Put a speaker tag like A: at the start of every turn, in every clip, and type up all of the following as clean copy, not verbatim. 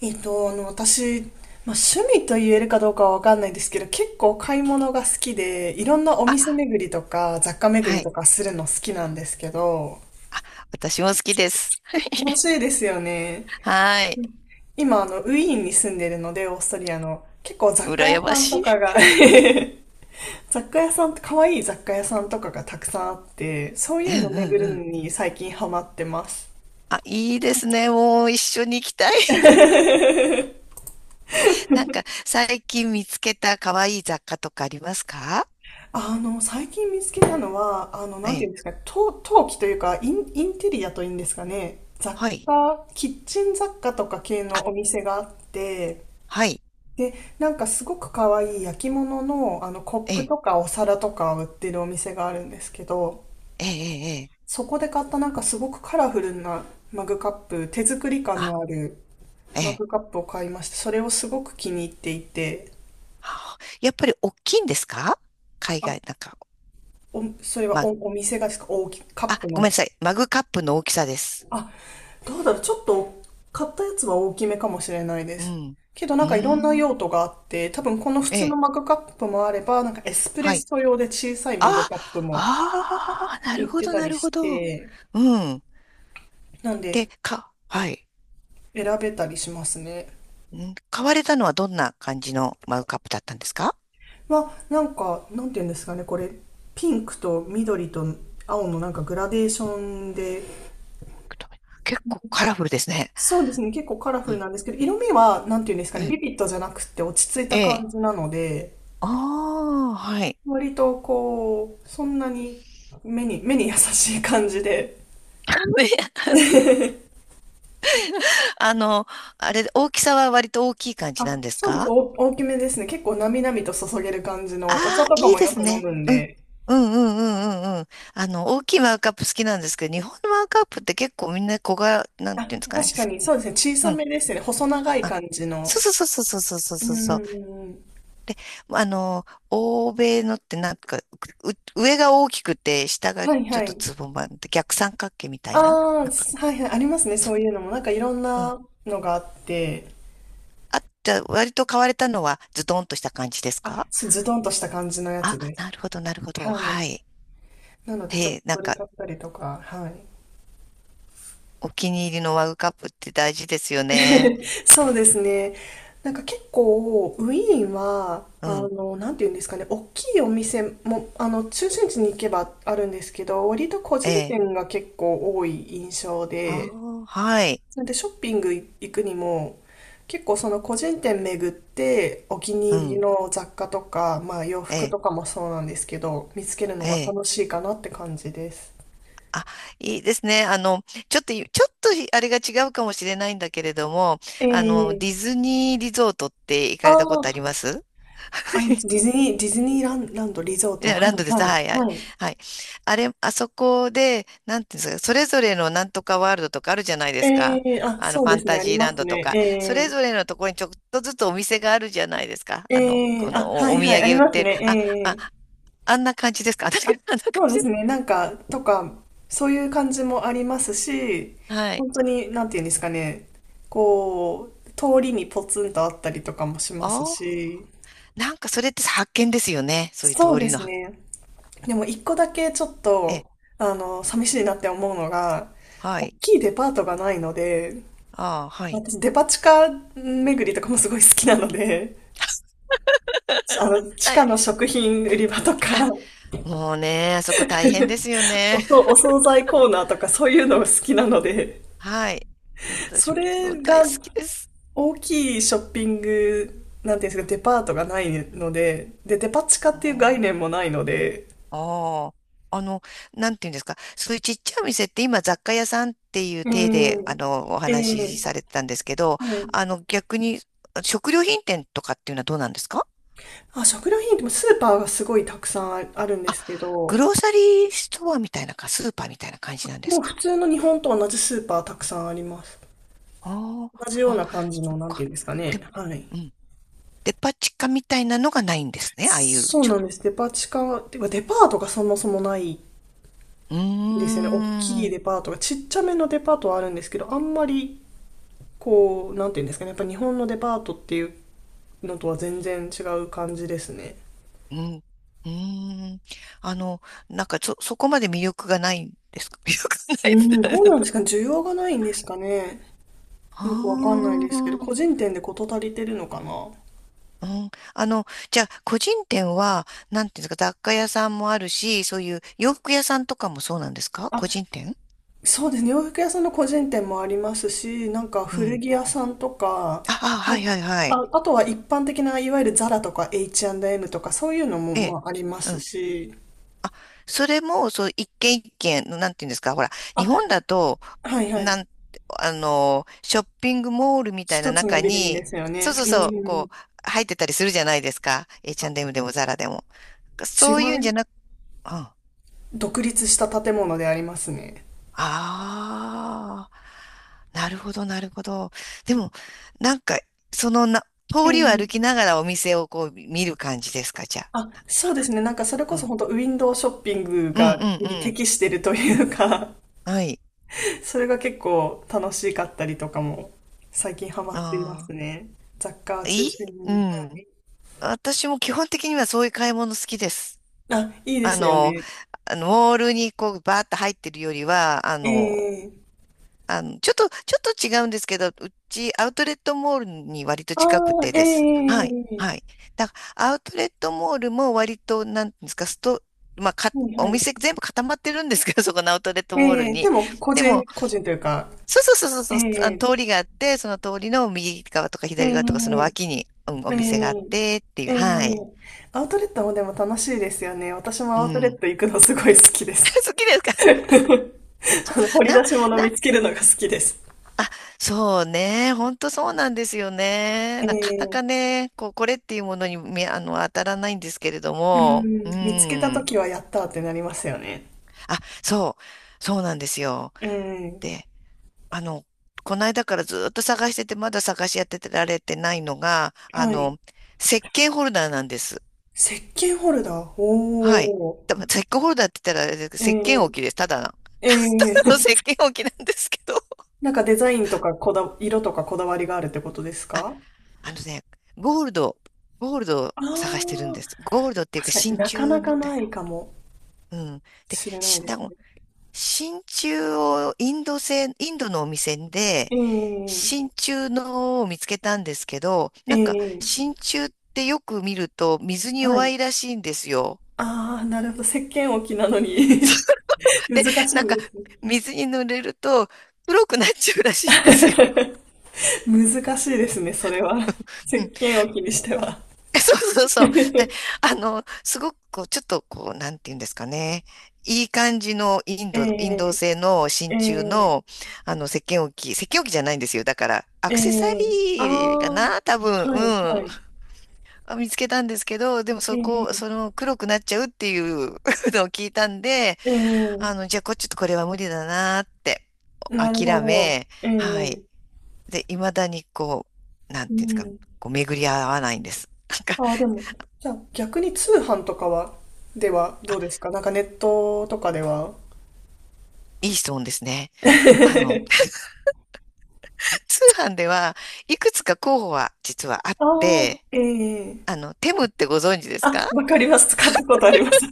A: 私、まあ、趣味と言えるかどうかはわかんないですけど、結構買い物が好きで、いろんなお
B: あ、
A: 店巡りとか、雑貨巡
B: は
A: り
B: い。
A: とかするの好きなんですけど、
B: 私も好きです。
A: 楽しいですよね。
B: はい。
A: 今、ウィーンに住んでるので、オーストリアの、結構雑貨屋
B: 羨
A: さ
B: ま
A: ん
B: し
A: と
B: い。
A: かが 雑貨屋さん、可愛い雑貨屋さんとかがたくさんあって、そう
B: う
A: いうの
B: んう
A: 巡
B: ん
A: る
B: うん。
A: のに最近ハマってます。
B: あ、いいですね。もう一緒に行きたい。なんか、最近見つけた可愛い雑貨とかありますか？
A: 最近見つけたのは、な
B: え
A: んていうん
B: え。
A: ですか、陶器というか、インテリアというんですかね、
B: はい。
A: キッチン雑貨とか系
B: あ、
A: のお店があって、
B: はい。
A: で、なんかすごく可愛い焼き物の、コッ
B: え
A: プ
B: え、
A: とかお皿とかを売ってるお店があるんですけど、
B: ええ、ええ。ええ、
A: そこで買ったなんかすごくカラフルなマグカップ、手作り感
B: あ、
A: のある
B: え
A: マ
B: え。
A: グカップを買いました。それをすごく気に入っていて、
B: あ、やっぱり大きいんですか？海
A: あ、
B: 外、なんか、
A: それは
B: ま、
A: お店がですか、カッ
B: あ、
A: プ
B: ごめ
A: の。
B: んなさい。マグカップの大きさです。
A: あ、どうだろう、ちょっと買ったやつは大きめかもしれないで
B: う
A: す。
B: ん。
A: けどな
B: う
A: んかいろんな
B: ーん。
A: 用途があって、多分この普
B: え
A: 通の
B: え。
A: マグカップもあれば、なんかエスプレッ
B: はい。
A: ソ用で小さいマグ
B: あ、
A: カップも
B: ああ、な
A: 売
B: る
A: っ
B: ほ
A: て
B: ど、
A: た
B: な
A: り
B: る
A: し
B: ほど。
A: て、
B: うん。
A: なんで
B: はい。
A: 選べたりしますね。
B: 買われたのはどんな感じのマグカップだったんですか？
A: なんか、なんて言うんですかね、これ、ピンクと緑と青のなんかグラデーションで、
B: 結構カラフルですね。
A: そうですね、結構カラフ
B: う
A: ル
B: ん。
A: なんですけど、色味は、なんて言うんですか
B: え
A: ね、
B: え。
A: ビビットじゃなくて落ち着い
B: え
A: た
B: え。
A: 感じなので、
B: ああ、はい。
A: 割とこう、そんなに目に優しい感じで。
B: あの、あれ、大きさは割と大きい感じなんです
A: そうです。
B: か？
A: お大きめですね。結構なみなみと注げる感じの、お茶
B: ああ、
A: とか
B: いい
A: も
B: で
A: よ
B: す
A: く飲
B: ね。
A: むん
B: うん。
A: で。
B: うんうんうんうんうん。あの、大きいマグカップ好きなんですけど、日本のマグカップって結構みんな小柄、なん
A: あ、
B: ていうんですかね。
A: 確かに、そうですね。小
B: う
A: さ
B: ん。
A: めですね。細長い
B: あ、
A: 感じ
B: そ
A: の。
B: うそうそうそうそうそう
A: うー
B: そうそう。
A: ん。
B: あの、欧米のってなんか、上が大きくて、下が
A: はい
B: ちょっ
A: は
B: と
A: い。
B: つぼまっ逆三角形みたいな。
A: あ
B: な
A: あ、
B: んか、
A: はいはい。ありますね。そういうのも。なんかいろん
B: うん。
A: なのがあって。
B: あ、じゃあ割と買われたのはズドンとした感じですか？
A: そうズドンとした感じのや
B: あ、
A: つです。
B: なるほど、なるほど。
A: はい。
B: はい。
A: なので、ちょっ
B: へ
A: と
B: え、な
A: そ
B: ん
A: れ
B: か、
A: 買ったりとか、はい。
B: お気に入りのマグカップって大事ですよね。
A: そうですね。なんか結構、ウィーンは、
B: うん。
A: なんていうんですかね、大きいお店も、中心地に行けばあるんですけど、割と個
B: え
A: 人
B: え。
A: 店が結構多い印象で、
B: ああ、はい。
A: それでショッピング行くにも、結構その個人店巡って、お気
B: う
A: に入り
B: ん。
A: の雑貨とか、まあ洋
B: え
A: 服
B: え、
A: とかもそうなんですけど、見つけるの
B: え
A: が
B: え。
A: 楽しいかなって感じです。
B: あ、いいですね。あの、ちょっといあれが違うかもしれないんだけれども、あの、ディ
A: ええ、
B: ズニーリゾートって行
A: あ
B: かれたこと
A: あ
B: あり
A: ー、
B: ます？
A: ディズニーランランド、リゾー
B: い
A: ト、
B: や、
A: は
B: ランドで
A: い、
B: す。
A: はい、
B: はいはい。
A: はい。
B: はい。あれ、あそこで、なんていうんですか、それぞれのなんとかワールドとかあるじゃないで
A: え
B: すか。
A: え、
B: あの、フ
A: そう
B: ァ
A: で
B: ン
A: すね、
B: タ
A: あ
B: ジ
A: り
B: ー
A: ま
B: ラン
A: す
B: ドとか、それ
A: ね。
B: ぞれのところにちょっとずつお店があるじゃないですか。
A: え
B: あの、
A: えええ、
B: この
A: は
B: お、お
A: い
B: 土
A: はい、あ
B: 産
A: り
B: 売っ
A: ます
B: てる。
A: ね。
B: あ、あ、
A: ええ、
B: あんな感じですか。あんな感
A: あ、そうで
B: じ
A: す
B: です。
A: ね、なんか、とか、そういう感じもありますし、
B: はい。
A: 本当に、なんていうんですかね、こう、通りにポツンとあったりとかもします
B: ああ、
A: し、
B: なんかそれって発見ですよね。そういう
A: そう
B: 通
A: で
B: りの、
A: すね。でも一個だけちょっ
B: え、
A: と、寂しいなって思うのが、
B: は
A: 大
B: い。
A: きいデパートがないので、
B: ああ、はい。
A: 私デパ地下巡りとかもすごい好きなので、地
B: は
A: 下
B: い。
A: の食品売り場とか、
B: もうね、あそこ大変ですよね。
A: お惣菜コーナーとかそういうの好きなので、
B: はい。私
A: そ
B: も
A: れ
B: 大
A: が
B: 好きです。
A: 大きいショッピング、なんていうんですか、デパートがないので、で、デパ地下
B: あ
A: っていう概念
B: ー
A: もないので、
B: あー、あの、なんていうんですか。そういうちっちゃいお店って今雑貨屋さんっていう
A: う
B: 体で、あ
A: ん、
B: の、お
A: ええ、
B: 話しされてたんですけど、
A: はい。
B: あの、逆に食料品店とかっていうのはどうなんですか？
A: 食料品ってスーパーがすごいたくさんああるんで
B: あ、
A: すけ
B: グ
A: ど、
B: ローサリーストアみたいなスーパーみたいな感じなんで
A: も
B: す
A: う普
B: か？
A: 通の日本と同じスーパーたくさんあります。
B: あ
A: 同じ
B: あ
A: よ
B: ー、
A: う
B: あ、
A: な感じ
B: そ
A: の、
B: っ
A: なんていう
B: か。
A: んですか
B: で
A: ね。
B: も、
A: はい。
B: デパ地下みたいなのがないんですね。ああいう、
A: そうなんです。デパ地下、てかデパートがそもそもないん
B: う
A: です
B: ー
A: よね。大きい
B: ん、
A: デパートが。ちっちゃめのデパートはあるんですけど、あんまり、こう、なんていうんですかね。やっぱ日本のデパートっていうのとは全然違う感じですね。
B: うん、うーん。あの、なんか、そこまで魅力がないんですか？ 魅力がな
A: う
B: いです
A: ん、どう
B: ね。
A: なんですかね。需要がないんですかね。
B: あ
A: よくわかんないですけど、
B: あ、
A: 個人店で事足りてるのかな。
B: うん。あの、じゃあ、個人店は、なんていうんですか、雑貨屋さんもあるし、そういう洋服屋さんとかもそうなんですか？個人店、
A: そうですね。洋服屋さんの個人店もありますし、なんか
B: う
A: 古
B: ん。
A: 着屋さんとか、
B: ああ、はい
A: もう
B: はいはい。
A: あとは一般的ないわゆるザラとか H&M とかそういうのも
B: え
A: ま
B: え。
A: あありますし、
B: それも、そう、一軒一軒の、なんていうんですか、ほら、日
A: あ、
B: 本だと、
A: はいは
B: な
A: い。
B: んあの、ショッピングモールみたいな
A: 一つの
B: 中
A: ビルにで
B: に、
A: すよ
B: そう
A: ね。
B: そう
A: う
B: そう、
A: ん。
B: こう、入ってたりするじゃないですか。H&M でもザラでも。
A: い、
B: そういうんじゃなく、うん。あ
A: 独立した建物でありますね。
B: あ、なるほど、なるほど。でも、なんか、そのな、
A: う
B: 通りを
A: ん。
B: 歩きながらお店をこう見る感じですか、じゃあ。
A: そうですね。なんかそれこ
B: な
A: そ
B: んか、
A: 本当ウィンドウショッピング
B: うん、うん、う
A: に
B: ん、うん。
A: 適してるというか、
B: はい。
A: それが結構楽しかったりとかも最近ハマっていま
B: あ
A: すね。雑貨を
B: あ、
A: 中
B: いい、
A: 心
B: う
A: に。は
B: ん。
A: い。
B: 私も基本的にはそういう買い物好きです。
A: いいで
B: あ
A: すよ
B: の、
A: ね。
B: あのモールにこうバーッと入ってるよりは、あ
A: え
B: の、
A: え、
B: あの、ちょっと違うんですけど、ちアウトレットモールに割と
A: あ
B: 近く
A: あ
B: て
A: ー、
B: です。はい、
A: ええ、
B: はい。だからアウトレットモールも割と、なんていうんですか、まあ、
A: はいは
B: お
A: い。
B: 店全部固まってるんですけど、そこのアウトレットモール
A: ええで
B: に。
A: も
B: でも、
A: 個人というか、
B: そうそうそうそ
A: え
B: う、そう、あの
A: え
B: 通りがあって、その通りの右側とか左側とか、その
A: ええ
B: 脇に、うん、お店があっ
A: え
B: てっていう、
A: ええ
B: は
A: え
B: い。
A: アウトレットもでも楽しいですよね。私も
B: う
A: アウトレッ
B: ん。
A: ト行くのすごい好きです。
B: 好きですか？
A: あの掘り
B: な、
A: 出し物見
B: な、
A: つけるのが好きです。
B: そうね。本当そうなんですよね。
A: え
B: なかな
A: え、
B: かね、こう、これっていうものに、あの、当たらないんですけれど
A: う
B: も。
A: ん、
B: う
A: 見つけたと
B: ん。
A: きはやったーってなりますよね。
B: あ、そう。そうなんですよ。
A: ええ、
B: で、あの、この間からずっと探してて、まだ探し当てられてないのが、あ
A: はい。
B: の、石鹸ホルダーなんです。
A: 石鹸ホルダー。
B: はい。
A: お
B: 多分石鹸ホルダーって言ったら、あれです
A: ー。
B: けど石鹸置きで
A: え
B: す。ただの。
A: え
B: た
A: え
B: だの
A: え
B: 石鹸置きなんですけど。
A: なんかデザインとか色とかこだわりがあるってことですか？
B: あのね、ゴールド、ゴールドを
A: ああ
B: 探してるん
A: ー、
B: です。ゴールドっていうか
A: 確かに
B: 真
A: なか
B: 鍮
A: な
B: み
A: か
B: た
A: な
B: い。
A: いかも
B: うん。で、
A: しれない
B: し、
A: です
B: だも、
A: ね。
B: 真鍮をインドのお店で、
A: え
B: 真鍮のを見つけたんですけど、
A: え
B: なんか
A: ええ、
B: 真鍮ってよく見ると水に
A: はい。
B: 弱いらしいんですよ。
A: ああ、なるほど。石鹸置きなのに 難し
B: なん
A: い
B: か
A: ですね。
B: 水に濡れると黒くなっちゃうらしいんですよ。
A: 難しいですね、それは。石
B: うん。
A: 鹸置きにしては。
B: そうそうそう。で、あの、すごくこう、ちょっとこう、なんていうんですかね。いい感じのインド、インド
A: え
B: 製の
A: ええ
B: 真鍮
A: え
B: の、あの、石鹸置きじゃないんですよ。だから、ア
A: え
B: クセサ
A: え、
B: リーかな、多分、
A: はい
B: う
A: はい。
B: ん。あ、見つけたんですけど、でも
A: え
B: そ
A: え
B: の、黒くなっちゃうっていう のを聞いたんで、
A: ええ、
B: あの、じゃあ、ちょっとこれは無理だなって、
A: なるほ
B: 諦
A: ど。
B: め、
A: え
B: はい。
A: え、
B: で、未だにこう、なん
A: う
B: ていうんですか、
A: ん。
B: こう、巡り合わないんです。なんか、
A: ああ、でも、じゃあ逆に通販とかは、ではどうですか？なんかネットとかでは。
B: いい質問ですね。あの、通販ではいくつか候補は実はあって、
A: ああ、ええ、
B: あの、テムってご存知ですか？
A: わか ります。使ったことあります。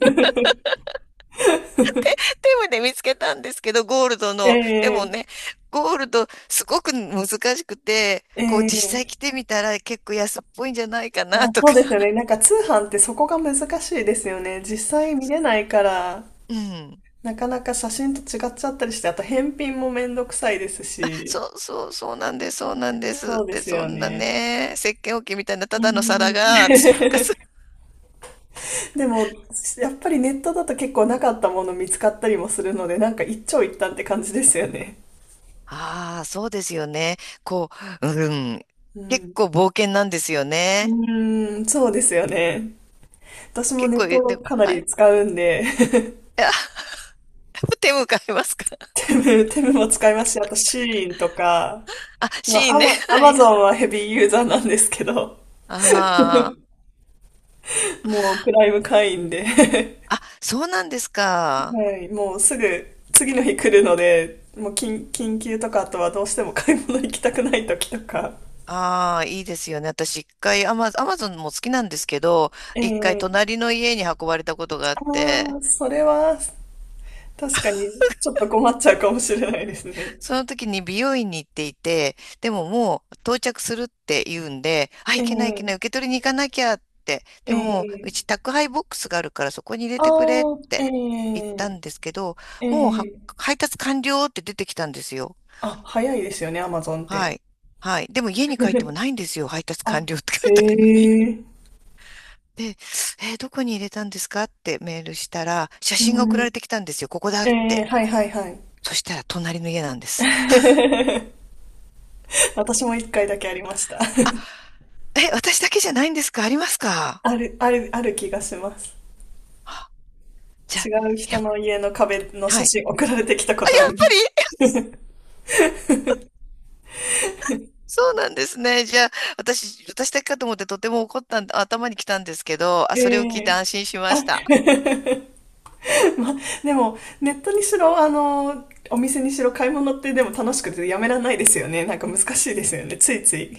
B: テムで見つけたんですけど、ゴールドの。でも
A: ええ
B: ね、ゴールドすごく難しくて、こう実際
A: ええ、
B: 着てみたら結構安っぽいんじゃないかな と
A: そ
B: か。
A: うですよね。なんか通販ってそこが難しいですよね。実際見れないから、
B: うん。
A: なかなか写真と違っちゃったりして、あと返品もめんどくさいですし、
B: そうそう、そうなんです、そうなんです。
A: そうで
B: で、
A: す
B: そ
A: よ
B: んな
A: ね。
B: ね、石鹸置きみたいなた
A: う
B: だの皿
A: ん。
B: が、つうか、 す、
A: でも、やっぱりネットだと結構なかったもの見つかったりもするので、なんか一長一短って感じですよね。
B: ああ、そうですよね。こう、うん。
A: う
B: 結
A: ん。
B: 構冒険なんですよ
A: う
B: ね。
A: ーん、そうですよね。私も
B: 結
A: ネ
B: 構
A: ット
B: 言って
A: を
B: も、
A: かな
B: はい。い
A: り使うんで、
B: や 手向かいますか？
A: テムも使いますし、あとシーインとか、
B: あ、
A: まあ、
B: シーンね。
A: ア
B: は
A: マ
B: いは
A: ゾ
B: い。
A: ンはヘビーユーザーなんですけど、
B: あ
A: もうプライム会員で、
B: あ。あ、そうなんですか。
A: はい、もうすぐ次の日来るので、もう緊急とか、あとはどうしても買い物行きたくない時とか。
B: ああ、いいですよね。私一回アマゾンも好きなんですけど、一回
A: ええ、
B: 隣の家に運ばれたことがあっ
A: あ
B: て、
A: あ、それは確かにちょっと困っちゃうかもしれないですね。
B: その時に美容院に行っていて、でももう到着するって言うんで、あ、い
A: え
B: けないいけ
A: え、
B: ない、受け取りに行かなきゃって、で
A: え
B: もうち
A: え、
B: 宅配ボックスがあるからそこに入れてくれっ
A: ああ、え
B: て言った
A: え
B: んですけど、
A: え
B: もうは
A: え、
B: 配達完了って出てきたんですよ。
A: 早いですよね、アマゾンっ
B: は
A: て。
B: い。はい。でも家に帰ってもないんですよ。配達 完了って書
A: あ、
B: いてあるのに。
A: ええ、
B: で、えーどこに入れたんですかってメールしたら、写真
A: う
B: が送ら
A: ん、
B: れてきたんですよ。ここだっ
A: ええ、
B: て。
A: はいはいはい。
B: そしたら隣の家なんです。
A: 私も一回だけありました。
B: え、私だけじゃないんですか？あります か？
A: ある、ある、ある気がします。
B: じゃ
A: 違
B: あ、
A: う
B: や
A: 人
B: っ、
A: の家の壁の写
B: はい。
A: 真送られてきたこ
B: あ、
A: とあ
B: やっ
A: り
B: ぱ
A: ま
B: り
A: す。
B: そうなんですね。じゃあ、私だけかと思ってとても怒った頭に来たんですけど、あ、
A: え
B: それを聞いて
A: え、
B: 安心しま
A: あ
B: し た。
A: ま、でも、ネットにしろ、お店にしろ買い物ってでも楽しくてやめられないですよね。なんか難しいですよね。ついつい。